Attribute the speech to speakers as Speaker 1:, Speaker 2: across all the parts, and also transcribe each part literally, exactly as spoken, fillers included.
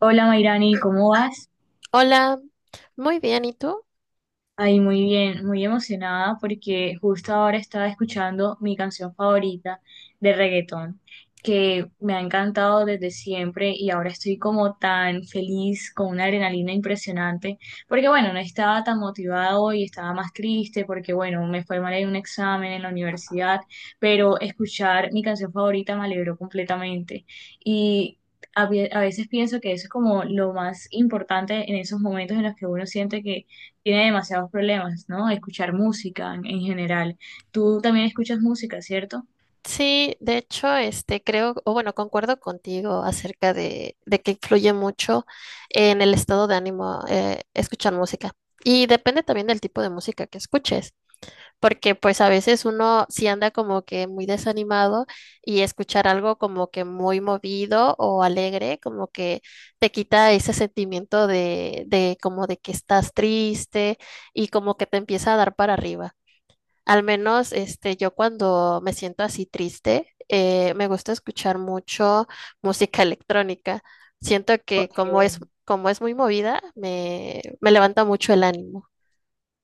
Speaker 1: Hola Mayrani, ¿cómo vas?
Speaker 2: Hola, muy bien, ¿y tú?
Speaker 1: Ay, muy bien, muy emocionada porque justo ahora estaba escuchando mi canción favorita de reggaetón, que me ha encantado desde siempre y ahora estoy como tan feliz, con una adrenalina impresionante, porque bueno, no estaba tan motivada hoy, estaba más triste porque bueno, me fue mal en un examen en la universidad, pero escuchar mi canción favorita me alegró completamente y... A vie- a veces pienso que eso es como lo más importante en esos momentos en los que uno siente que tiene demasiados problemas, ¿no? Escuchar música en, en general. Tú también escuchas música, ¿cierto?
Speaker 2: Sí, de hecho, este creo, o bueno, concuerdo contigo acerca de, de que influye mucho en el estado de ánimo eh, escuchar música. Y depende también del tipo de música que escuches, porque pues a veces uno sí anda como que muy desanimado y escuchar algo como que muy movido o alegre, como que te quita ese sentimiento de, de como de que estás triste y como que te empieza a dar para arriba. Al menos este, yo cuando me siento así triste, eh, me gusta escuchar mucho música electrónica. Siento que como
Speaker 1: Porque...
Speaker 2: es, Como es muy movida, me, me levanta mucho el ánimo.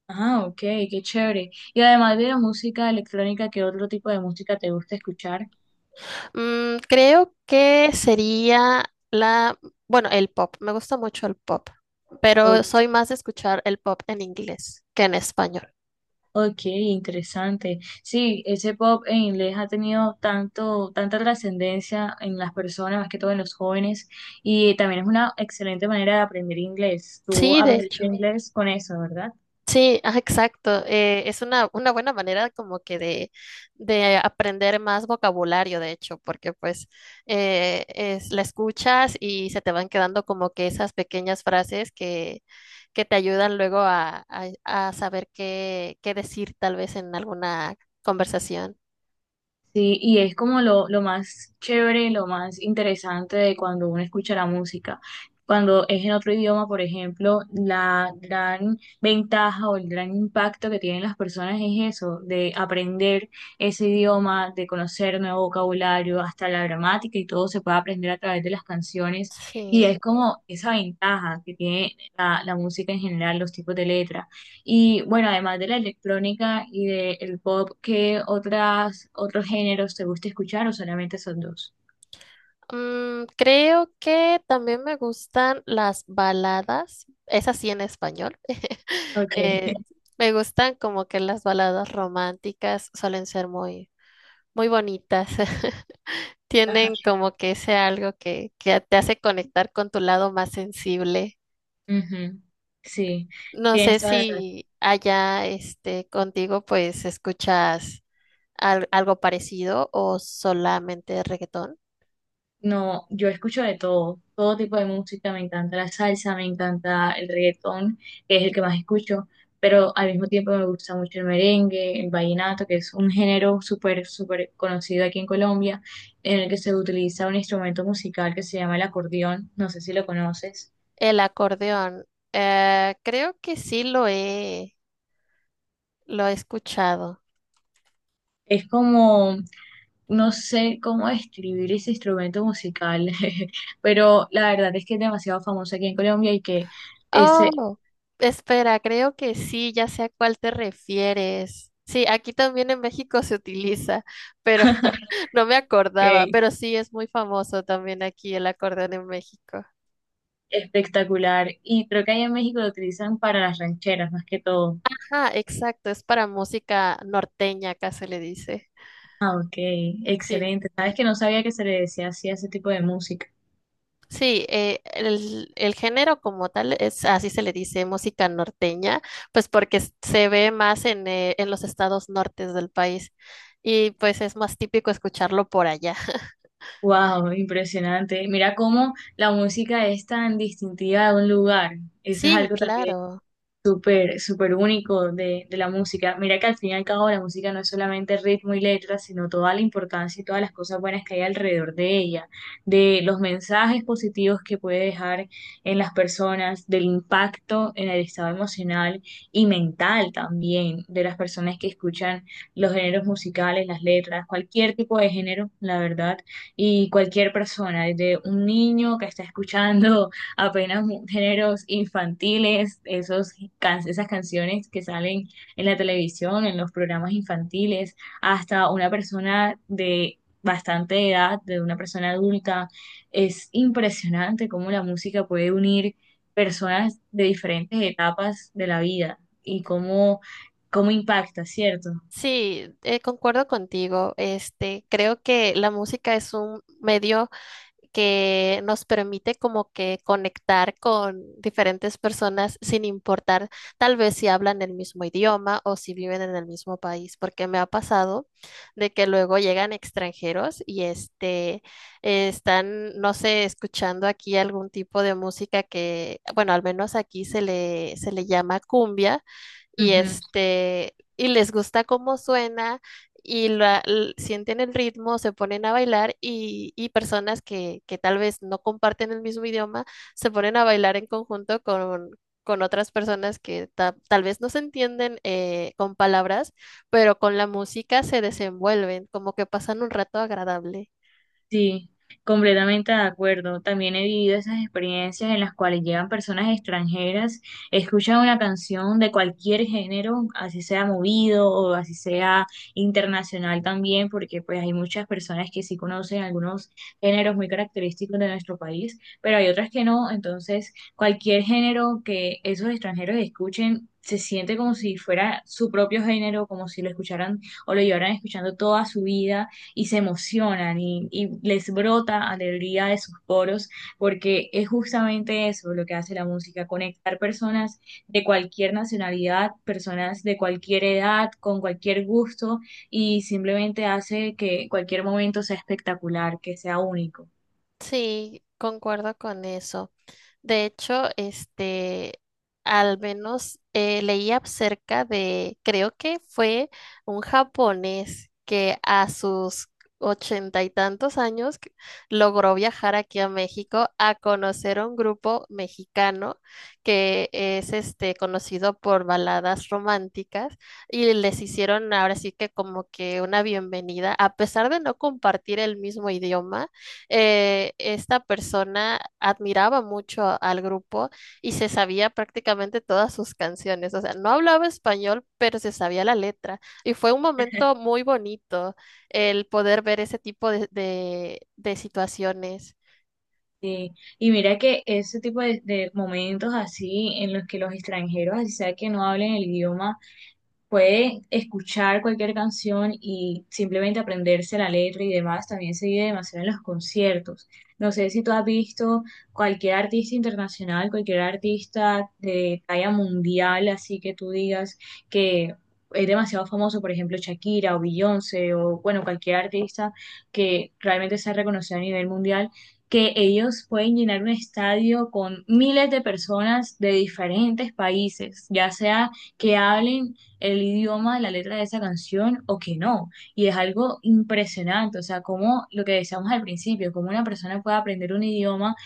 Speaker 1: Ah, ok, qué chévere. Y además de la música electrónica, ¿qué otro tipo de música te gusta escuchar?
Speaker 2: Mm, creo que sería la, bueno, el pop. Me gusta mucho el pop,
Speaker 1: O-
Speaker 2: pero soy más de escuchar el pop en inglés que en español.
Speaker 1: ok, interesante. Sí, ese pop en inglés ha tenido tanto, tanta trascendencia en las personas, más que todo en los jóvenes, y también es una excelente manera de aprender inglés. Tú
Speaker 2: Sí, de
Speaker 1: aprendiste
Speaker 2: hecho.
Speaker 1: inglés con eso, ¿verdad?
Speaker 2: Sí, ah, exacto. Eh, es una, una buena manera como que de, de aprender más vocabulario, de hecho, porque pues eh, es, la escuchas y se te van quedando como que esas pequeñas frases que, que te ayudan luego a, a- a saber qué, qué decir tal vez en alguna conversación.
Speaker 1: Sí, y es como lo, lo más chévere, lo más interesante de cuando uno escucha la música. Cuando es en otro idioma, por ejemplo, la gran ventaja o el gran impacto que tienen las personas es eso, de aprender ese idioma, de conocer nuevo vocabulario, hasta la gramática y todo se puede aprender a través de las canciones. Y
Speaker 2: Sí.
Speaker 1: es como esa ventaja que tiene la, la música en general, los tipos de letras. Y bueno, además de la electrónica y del pop, ¿qué otras, otros géneros te gusta escuchar o solamente son dos?
Speaker 2: Mm, creo que también me gustan las baladas, esas sí en español.
Speaker 1: Okay.
Speaker 2: Eh, me gustan como que las baladas románticas suelen ser muy, muy bonitas.
Speaker 1: Ajá.
Speaker 2: Tienen como que ese algo que, que te hace conectar con tu lado más sensible.
Speaker 1: Ujú, sí,
Speaker 2: No sé
Speaker 1: tienes toda la razón.
Speaker 2: si allá este, contigo pues escuchas al- algo parecido o solamente reggaetón.
Speaker 1: No, yo escucho de todo, todo tipo de música, me encanta la salsa, me encanta el reggaetón, que es el que más escucho, pero al mismo tiempo me gusta mucho el merengue, el vallenato, que es un género súper, súper conocido aquí en Colombia, en el que se utiliza un instrumento musical que se llama el acordeón, no sé si lo conoces.
Speaker 2: El acordeón, eh, creo que sí lo he, lo he escuchado.
Speaker 1: Es como, no sé cómo describir ese instrumento musical, pero la verdad es que es demasiado famoso aquí en Colombia y que es
Speaker 2: Oh, espera, creo que sí, ya sé a cuál te refieres. Sí, aquí también en México se utiliza, pero no me acordaba,
Speaker 1: eh,
Speaker 2: pero sí es muy famoso también aquí el acordeón en México.
Speaker 1: espectacular. Y creo que allá en México lo utilizan para las rancheras más que todo.
Speaker 2: Ah, exacto, es para música norteña, acá se le dice.
Speaker 1: Ah, ok,
Speaker 2: Sí,
Speaker 1: excelente. Sabes que no sabía que se le decía así a ese tipo de música.
Speaker 2: sí, eh, el, el género como tal es, así se le dice, música norteña, pues porque s- se ve más en, eh, en los estados nortes del país y pues es más típico escucharlo por allá.
Speaker 1: Wow, impresionante. Mira cómo la música es tan distintiva de un lugar. Eso es
Speaker 2: Sí,
Speaker 1: algo también
Speaker 2: claro.
Speaker 1: súper, súper único de, de la música. Mira que al fin y al cabo la música no es solamente ritmo y letra, sino toda la importancia y todas las cosas buenas que hay alrededor de ella, de los mensajes positivos que puede dejar en las personas, del impacto en el estado emocional y mental también de las personas que escuchan los géneros musicales, las letras, cualquier tipo de género, la verdad, y cualquier persona, desde un niño que está escuchando apenas mu- géneros infantiles, esos can- esas canciones que salen en la televisión, en los programas infantiles, hasta una persona de bastante edad, de una persona adulta. Es impresionante cómo la música puede unir personas de diferentes etapas de la vida y cómo, cómo impacta, ¿cierto?
Speaker 2: Sí, eh, concuerdo contigo. Este, creo que la música es un medio que nos permite como que conectar con diferentes personas sin importar tal vez si hablan el mismo idioma o si viven en el mismo país, porque me ha pasado de que luego llegan extranjeros y este eh, están, no sé, escuchando aquí algún tipo de música que, bueno, al menos aquí se le, se le llama cumbia y este, y les gusta cómo suena y la- l- sienten el ritmo, se ponen a bailar y, y personas que, que tal vez no comparten el mismo idioma se ponen a bailar en conjunto con, con otras personas que ta- tal vez no se entienden eh, con palabras, pero con la música se desenvuelven, como que pasan un rato agradable.
Speaker 1: Sí, completamente de acuerdo. También he vivido esas experiencias en las cuales llegan personas extranjeras, escuchan una canción de cualquier género, así sea movido o así sea internacional también, porque pues hay muchas personas que sí conocen algunos géneros muy característicos de nuestro país, pero hay otras que no. Entonces, cualquier género que esos extranjeros escuchen se siente como si fuera su propio género, como si lo escucharan o lo llevaran escuchando toda su vida y se emocionan y, y les brota alegría de sus poros, porque es justamente eso lo que hace la música, conectar personas de cualquier nacionalidad, personas de cualquier edad, con cualquier gusto, y simplemente hace que cualquier momento sea espectacular, que sea único.
Speaker 2: Sí, concuerdo con eso. De hecho, este, al menos eh, leía acerca de, creo que fue un japonés que a sus ochenta y tantos años que- logró viajar aquí a México a conocer a un grupo mexicano que es este conocido por baladas románticas y les hicieron ahora sí que como que una bienvenida, a pesar de no compartir el mismo idioma eh, esta persona admiraba mucho al grupo y se sabía prácticamente todas sus canciones. O sea, no hablaba español, pero se sabía la letra. Y fue un momento muy bonito el poder ver ese tipo de, de de situaciones.
Speaker 1: Sí. Y mira que ese tipo de, de momentos así en los que los extranjeros, así sea que no hablen el idioma, puede escuchar cualquier canción y simplemente aprenderse la letra y demás, también se vive demasiado en los conciertos. No sé si tú has visto cualquier artista internacional, cualquier artista de talla mundial, así que tú digas que es demasiado famoso, por ejemplo, Shakira o Beyoncé o bueno, cualquier artista que realmente sea reconocido a nivel mundial. Que ellos pueden llenar un estadio con miles de personas de diferentes países, ya sea que hablen el idioma de la letra de esa canción o que no. Y es algo impresionante, o sea, como lo que decíamos al principio, como una persona puede aprender un idioma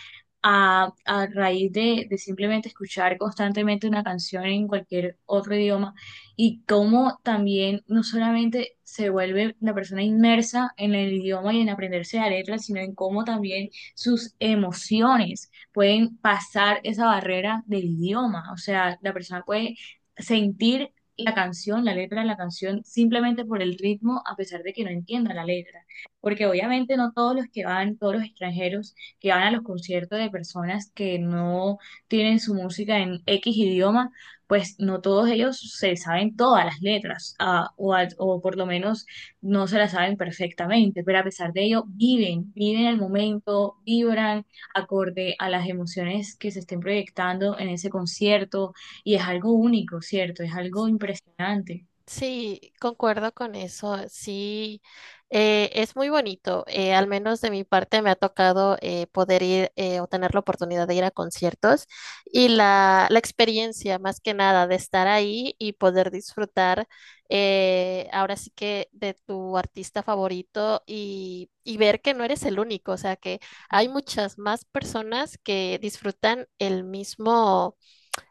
Speaker 1: a, a raíz de, de simplemente escuchar constantemente una canción en cualquier otro idioma y cómo también no solamente se vuelve la persona inmersa en el idioma y en aprenderse la letra, sino en cómo también sus emociones pueden pasar esa barrera del idioma. O sea, la persona puede sentir la canción, la letra de la canción, simplemente por el ritmo, a pesar de que no entienda la letra. Porque obviamente no todos los que van, todos los extranjeros que van a los conciertos de personas que no tienen su música en X idioma, pues no todos ellos se saben todas las letras, ah, o, al- o por lo menos no se las saben perfectamente, pero a pesar de ello viven, viven el momento, vibran acorde a las emociones que se estén proyectando en ese concierto y es algo único, ¿cierto? Es algo impresionante.
Speaker 2: Sí, concuerdo con eso. Sí, eh, es muy bonito. Eh, al menos de mi parte me ha tocado eh, poder ir eh, o tener la oportunidad de ir a conciertos y la, la experiencia más que nada de estar ahí y poder disfrutar eh, ahora sí que de tu artista favorito y, y ver que no eres el único. O sea, que hay muchas más personas que disfrutan el mismo,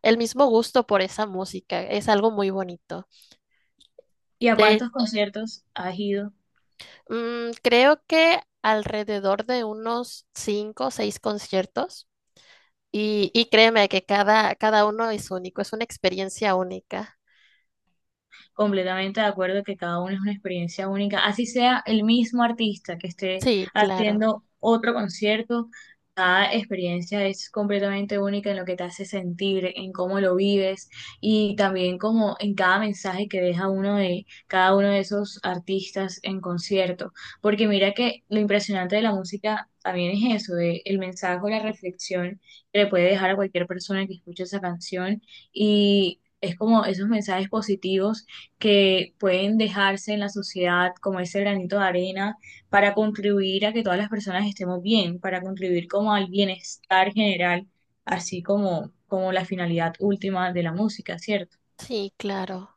Speaker 2: el mismo gusto por esa música. Es algo muy bonito.
Speaker 1: ¿Y a
Speaker 2: De
Speaker 1: cuántos conciertos has ido?
Speaker 2: Mm, creo que alrededor de unos cinco o seis conciertos y, y créeme que cada, cada uno es único, es una experiencia única.
Speaker 1: Completamente de acuerdo que cada uno es una experiencia única, así sea el mismo artista que esté
Speaker 2: Sí, claro,
Speaker 1: haciendo otro concierto, cada experiencia es completamente única en lo que te hace sentir, en cómo lo vives y también como en cada mensaje que deja uno de cada uno de esos artistas en concierto, porque mira que lo impresionante de la música también es eso, de el mensaje o la reflexión que le puede dejar a cualquier persona que escuche esa canción y es como esos mensajes positivos que pueden dejarse en la sociedad como ese granito de arena para contribuir a que todas las personas estemos bien, para contribuir como al bienestar general, así como, como la finalidad última de la música, ¿cierto?
Speaker 2: sí, claro.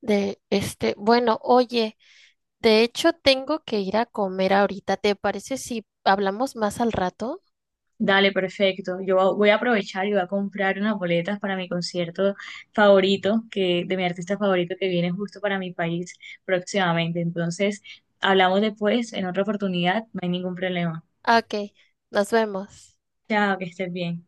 Speaker 2: De este, bueno, oye, de hecho tengo que ir a comer ahorita. ¿Te parece si hablamos más al rato?
Speaker 1: Dale, perfecto. Yo voy a aprovechar y voy a comprar unas boletas para mi concierto favorito, que de mi artista favorito que viene justo para mi país próximamente. Entonces, hablamos después en otra oportunidad, no hay ningún problema.
Speaker 2: Ah, ok, nos vemos.
Speaker 1: Chao, que estés bien.